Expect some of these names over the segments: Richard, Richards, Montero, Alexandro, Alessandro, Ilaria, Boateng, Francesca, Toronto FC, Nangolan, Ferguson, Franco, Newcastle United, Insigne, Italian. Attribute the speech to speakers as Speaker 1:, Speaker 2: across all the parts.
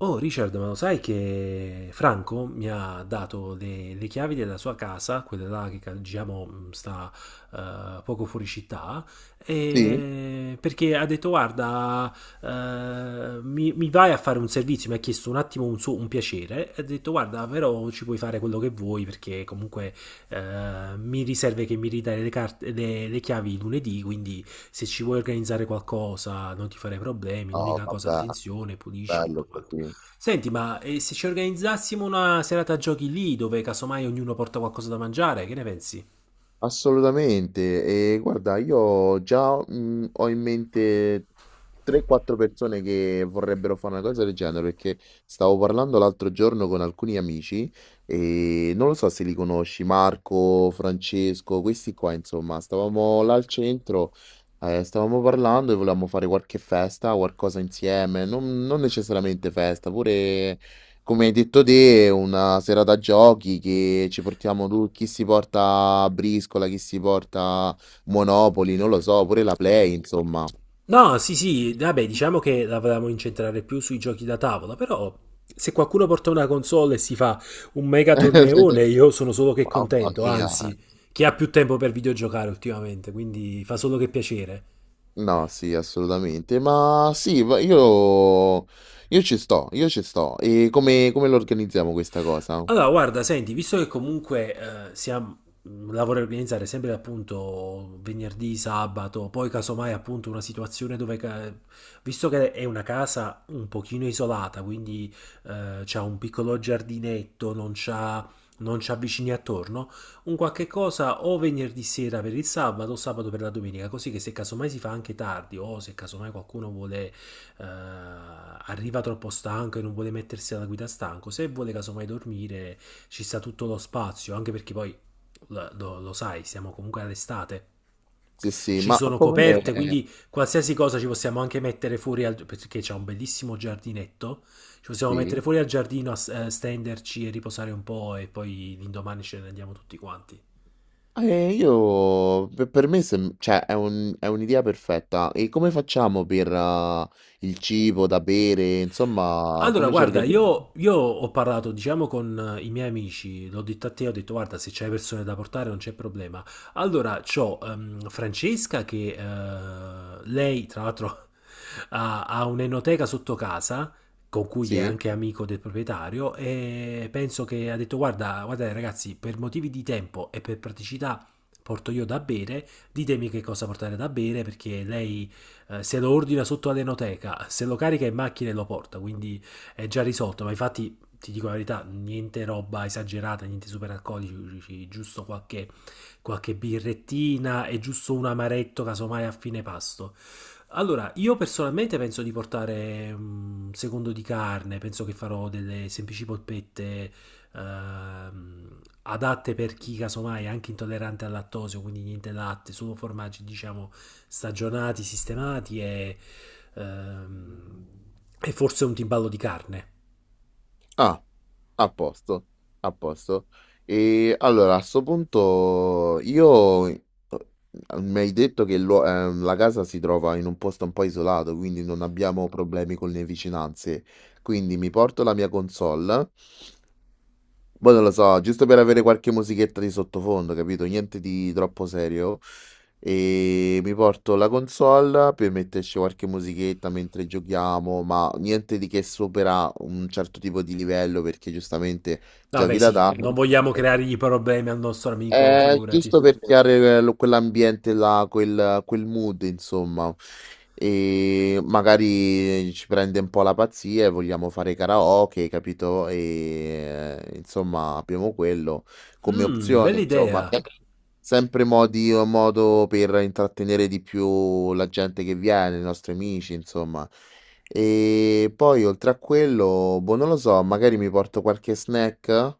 Speaker 1: Oh Richard, ma lo sai che Franco mi ha dato le chiavi della sua casa, quella là che diciamo sta poco fuori città,
Speaker 2: Sì?
Speaker 1: perché ha detto guarda, mi vai a fare un servizio, mi ha chiesto un attimo un piacere, e ha detto guarda, però ci puoi fare quello che vuoi perché comunque mi riserve che mi ridai le chiavi lunedì, quindi se ci vuoi organizzare qualcosa non ti farei problemi,
Speaker 2: Oh,
Speaker 1: l'unica cosa
Speaker 2: vabbè,
Speaker 1: attenzione, pulisci e tutto
Speaker 2: bello
Speaker 1: quanto.
Speaker 2: così.
Speaker 1: Senti, ma se ci organizzassimo una serata a giochi lì, dove casomai ognuno porta qualcosa da mangiare, che ne pensi?
Speaker 2: Assolutamente. E guarda, io già ho in mente 3-4 persone che vorrebbero fare una cosa del genere, perché stavo parlando l'altro giorno con alcuni amici e non lo so se li conosci, Marco, Francesco, questi qua, insomma, stavamo là al centro, stavamo parlando e volevamo fare qualche festa, qualcosa insieme, non necessariamente festa, pure. Come hai detto te, è una serata giochi che ci portiamo tu, chi si porta a briscola, chi si porta Monopoli, non lo so, pure la Play, insomma.
Speaker 1: No, sì, sì, vabbè, diciamo che la volevamo incentrare più sui giochi da tavola, però se qualcuno porta una console e si fa un mega torneone, io sono solo che
Speaker 2: Mamma
Speaker 1: contento,
Speaker 2: mia.
Speaker 1: anzi, chi ha più tempo per videogiocare ultimamente, quindi fa solo che piacere.
Speaker 2: No, sì, assolutamente. Ma sì, io ci sto, io ci sto. E come lo organizziamo questa cosa?
Speaker 1: Allora, guarda, senti, visto che comunque la vorrei organizzare sempre appunto venerdì, sabato, poi casomai appunto una situazione dove, visto che è una casa un pochino isolata, quindi c'ha un piccolo giardinetto, non c'ha vicini attorno, un qualche cosa o venerdì sera per il sabato o sabato per la domenica, così che se casomai si fa anche tardi o se casomai qualcuno vuole arriva troppo stanco e non vuole mettersi alla guida stanco, se vuole casomai dormire ci sta tutto lo spazio, anche perché poi lo sai, siamo comunque all'estate.
Speaker 2: Sì, sì,
Speaker 1: Ci
Speaker 2: ma
Speaker 1: sono
Speaker 2: come.
Speaker 1: coperte, quindi qualsiasi cosa ci possiamo anche mettere fuori al, perché c'è un bellissimo giardinetto. Ci possiamo
Speaker 2: Sì.
Speaker 1: mettere fuori al giardino, stenderci e riposare un po' e poi l'indomani ce ne andiamo tutti quanti.
Speaker 2: Io per me cioè, è un'idea perfetta. E come facciamo per il cibo da bere? Insomma,
Speaker 1: Allora,
Speaker 2: come ci
Speaker 1: guarda,
Speaker 2: organizziamo?
Speaker 1: io ho parlato, diciamo, con i miei amici, l'ho detto a te, ho detto, guarda, se c'hai persone da portare non c'è problema. Allora, c'ho Francesca che lei, tra l'altro, ha un'enoteca sotto casa, con cui è
Speaker 2: Sì?
Speaker 1: anche amico del proprietario, e penso che ha detto, guarda, guardate ragazzi, per motivi di tempo e per praticità porto io da bere, ditemi che cosa portare da bere, perché lei se lo ordina sotto all'enoteca, se lo carica in macchina e lo porta, quindi è già risolto, ma infatti ti dico la verità, niente roba esagerata, niente super alcolici, giusto qualche birrettina e giusto un amaretto casomai a fine pasto. Allora, io personalmente penso di portare un secondo di carne, penso che farò delle semplici polpette adatte per chi casomai è anche intollerante al lattosio, quindi niente latte, solo formaggi diciamo stagionati, sistemati ehm, e forse un timballo di carne.
Speaker 2: Ah, a posto, a posto. E allora, a sto punto, io mi hai detto che la casa si trova in un posto un po' isolato, quindi non abbiamo problemi con le vicinanze. Quindi mi porto la mia console. Boh, non lo so, giusto per avere qualche musichetta di sottofondo, capito? Niente di troppo serio. E mi porto la console per metterci qualche musichetta mentre giochiamo, ma niente di che supera un certo tipo di livello perché giustamente
Speaker 1: Vabbè,
Speaker 2: giochi da
Speaker 1: sì,
Speaker 2: tavolo.
Speaker 1: non vogliamo creargli problemi al nostro amico, figurati.
Speaker 2: Giusto per creare quell'ambiente là, quel mood, insomma. E magari ci prende un po' la pazzia e vogliamo fare karaoke, capito? E insomma, abbiamo quello come
Speaker 1: Mmm,
Speaker 2: opzione,
Speaker 1: bella idea.
Speaker 2: insomma, sempre modi o modo per intrattenere di più la gente che viene, i nostri amici, insomma. E poi oltre a quello, boh, non lo so, magari mi porto qualche snack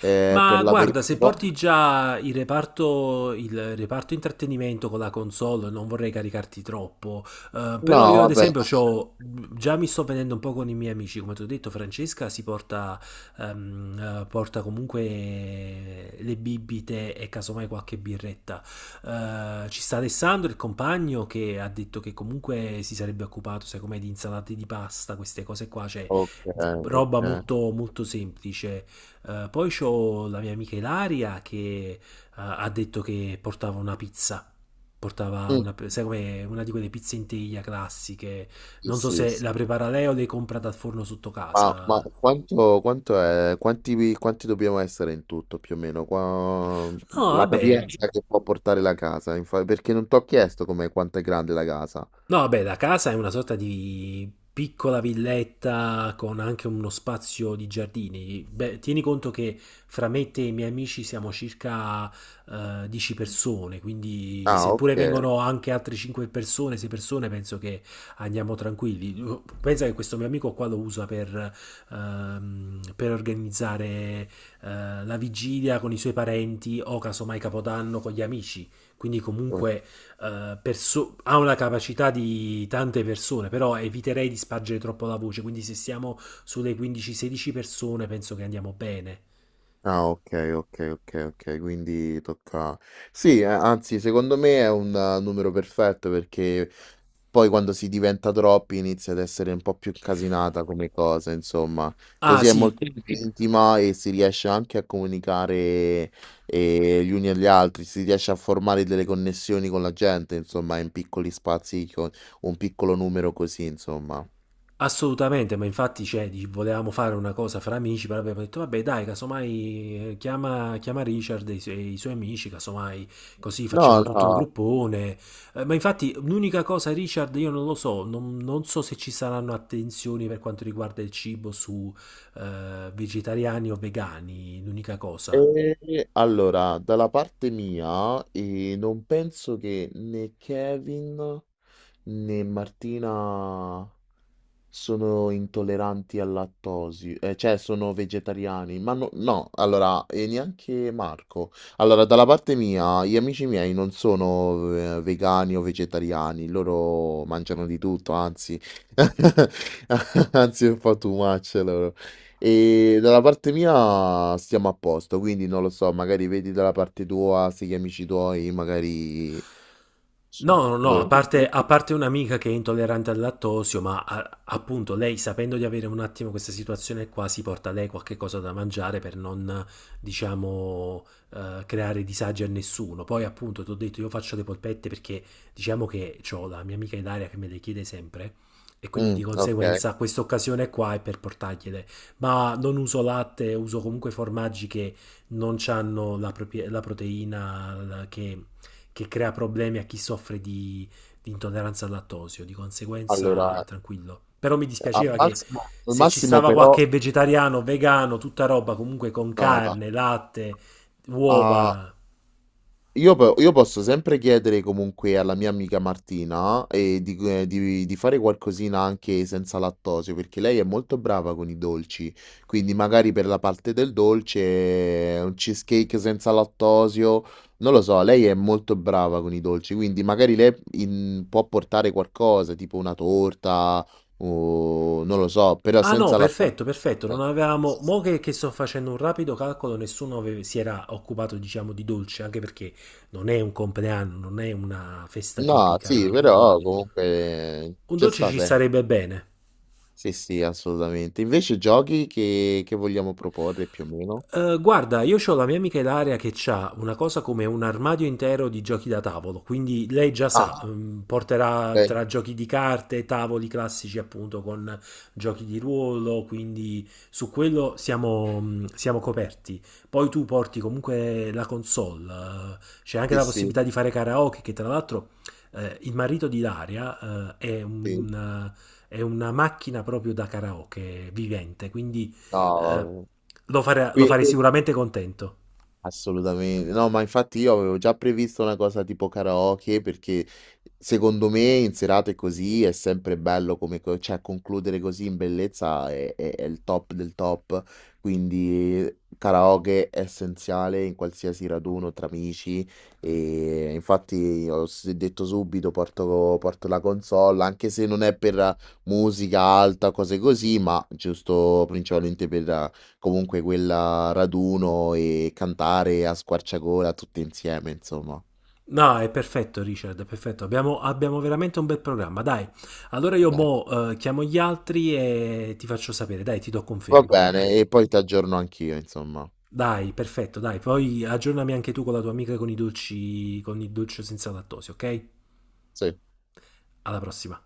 Speaker 2: per
Speaker 1: Ma guarda, se
Speaker 2: l'aperitivo.
Speaker 1: porti già il reparto intrattenimento con la console, non vorrei caricarti troppo.
Speaker 2: No,
Speaker 1: Però io, ad
Speaker 2: vabbè,
Speaker 1: esempio, già mi sto vedendo un po' con i miei amici. Come ti ho detto, Francesca si porta, porta comunque le bibite e casomai qualche birretta. Ci sta Alessandro, il compagno, che ha detto che comunque si sarebbe occupato, sai com'è, di insalate di pasta, queste cose qua, cioè
Speaker 2: ok, ok.
Speaker 1: roba molto semplice. Poi c'ho la mia amica Ilaria che ha detto che portava una pizza. Portava
Speaker 2: Mm,
Speaker 1: una, sai come una di quelle pizze in teglia classiche.
Speaker 2: sì,
Speaker 1: Non so
Speaker 2: sì,
Speaker 1: se la
Speaker 2: sì.
Speaker 1: prepara lei o le compra dal forno sotto
Speaker 2: Ma
Speaker 1: casa.
Speaker 2: quanto è, quanti dobbiamo essere in tutto più o meno? Qua,
Speaker 1: No,
Speaker 2: la
Speaker 1: vabbè.
Speaker 2: capienza che può portare la casa, perché non ti ho chiesto come, quanto è grande la casa.
Speaker 1: No, beh, la casa è una sorta di piccola villetta con anche uno spazio di giardini. Beh, tieni conto che fra me e te e i miei amici siamo circa 10 persone, quindi
Speaker 2: Ah,
Speaker 1: seppure
Speaker 2: ok.
Speaker 1: vengono anche altre 5 persone, 6 persone, penso che andiamo tranquilli. Pensa che questo mio amico qua lo usa per organizzare la vigilia con i suoi parenti o casomai Capodanno con gli amici. Quindi comunque ha una capacità di tante persone, però eviterei di spargere troppo la voce, quindi se siamo sulle 15-16 persone penso che andiamo bene.
Speaker 2: Ah, okay, okay, okay, okay, quindi tocca sì, anzi secondo me è un numero perfetto perché poi quando si diventa troppi inizia ad essere un po' più incasinata come cosa, insomma.
Speaker 1: Ah
Speaker 2: Così è
Speaker 1: sì.
Speaker 2: molto più, sì, intima e si riesce anche a comunicare gli uni agli altri, si riesce a formare delle connessioni con la gente, insomma, in piccoli spazi, con un piccolo numero così, insomma.
Speaker 1: Assolutamente, ma infatti cioè, volevamo fare una cosa fra amici, però abbiamo detto vabbè dai, casomai chiama Richard e i suoi amici, casomai così
Speaker 2: No,
Speaker 1: facciamo tutto un
Speaker 2: no.
Speaker 1: gruppone. Ma infatti l'unica cosa Richard, io non lo so, non so se ci saranno attenzioni per quanto riguarda il cibo su vegetariani o vegani, l'unica cosa.
Speaker 2: Allora, dalla parte mia, non penso che né Kevin né Martina sono intolleranti al lattosio, cioè sono vegetariani, ma no, no, allora, e neanche Marco. Allora, dalla parte mia, gli amici miei non sono vegani o vegetariani, loro mangiano di tutto, anzi, anzi, è un po' too much loro. E dalla parte mia stiamo a posto, quindi non lo so, magari vedi dalla parte tua, se gli amici tuoi, magari non so,
Speaker 1: No, no, no,
Speaker 2: loro-
Speaker 1: a parte un'amica che è intollerante al lattosio, ma appunto lei sapendo di avere un attimo questa situazione qua si porta lei qualche cosa da mangiare per non, diciamo, creare disagi a nessuno. Poi appunto ti ho detto io faccio le polpette perché diciamo che ho la mia amica Ilaria che me le chiede sempre e quindi
Speaker 2: Mm,
Speaker 1: di
Speaker 2: ok,
Speaker 1: conseguenza questa occasione qua è per portargliele. Ma non uso latte, uso comunque formaggi che non hanno la proteina che crea problemi a chi soffre di intolleranza al lattosio, di conseguenza
Speaker 2: allora.
Speaker 1: tranquillo. Però mi dispiaceva che
Speaker 2: Al
Speaker 1: se ci
Speaker 2: massimo
Speaker 1: stava
Speaker 2: però,
Speaker 1: qualche vegetariano, vegano, tutta roba comunque con
Speaker 2: no, no.
Speaker 1: carne, latte,
Speaker 2: Ah,
Speaker 1: uova.
Speaker 2: io posso sempre chiedere comunque alla mia amica Martina di fare qualcosina anche senza lattosio, perché lei è molto brava con i dolci, quindi magari per la parte del dolce un cheesecake senza lattosio, non lo so, lei è molto brava con i dolci, quindi magari lei può portare qualcosa, tipo una torta o non lo so, però
Speaker 1: Ah no,
Speaker 2: senza lattosio.
Speaker 1: perfetto, perfetto, non avevamo... Mo che sto facendo un rapido calcolo, nessuno aveva- si era occupato, diciamo, di dolce, anche perché non è un compleanno, non è una festa
Speaker 2: No, sì,
Speaker 1: tipica, quindi
Speaker 2: però comunque
Speaker 1: un
Speaker 2: ci
Speaker 1: dolce
Speaker 2: sta
Speaker 1: ci
Speaker 2: sempre.
Speaker 1: sarebbe bene.
Speaker 2: Sì, sì, assolutamente. Invece giochi che vogliamo proporre più o meno?
Speaker 1: Guarda, io ho la mia amica Ilaria che ha una cosa come un armadio intero di giochi da tavolo, quindi lei già sa,
Speaker 2: Ah,
Speaker 1: mm, porterà
Speaker 2: ok.
Speaker 1: tra giochi di carte, tavoli classici appunto con giochi di ruolo, quindi su quello siamo, mm, siamo coperti. Poi tu porti comunque la console, c'è anche
Speaker 2: Sì,
Speaker 1: la
Speaker 2: sì,
Speaker 1: possibilità di fare karaoke, che tra l'altro il marito di Ilaria
Speaker 2: sì.
Speaker 1: è una macchina proprio da karaoke vivente, quindi... eh,
Speaker 2: No,
Speaker 1: lo
Speaker 2: qui,
Speaker 1: farei sicuramente contento.
Speaker 2: assolutamente, no, ma infatti io avevo già previsto una cosa tipo karaoke perché secondo me in serate così è sempre bello cioè concludere così in bellezza è il top del top, quindi karaoke è essenziale in qualsiasi raduno tra amici e infatti ho detto subito porto la console anche se non è per musica alta, cose così, ma giusto principalmente per. Comunque quella raduno e cantare a squarciagola tutti insieme, insomma.
Speaker 1: No, è perfetto Richard, è perfetto. Abbiamo veramente un bel programma. Dai, allora io
Speaker 2: Dai,
Speaker 1: mo chiamo gli altri e ti faccio sapere. Dai, ti do
Speaker 2: va, ok,
Speaker 1: conferma, ok?
Speaker 2: bene, e poi ti aggiorno anch'io, insomma.
Speaker 1: Dai, perfetto, dai. Poi aggiornami anche tu con la tua amica con i dolci, con il dolce senza lattosio, ok?
Speaker 2: Sì.
Speaker 1: Alla prossima.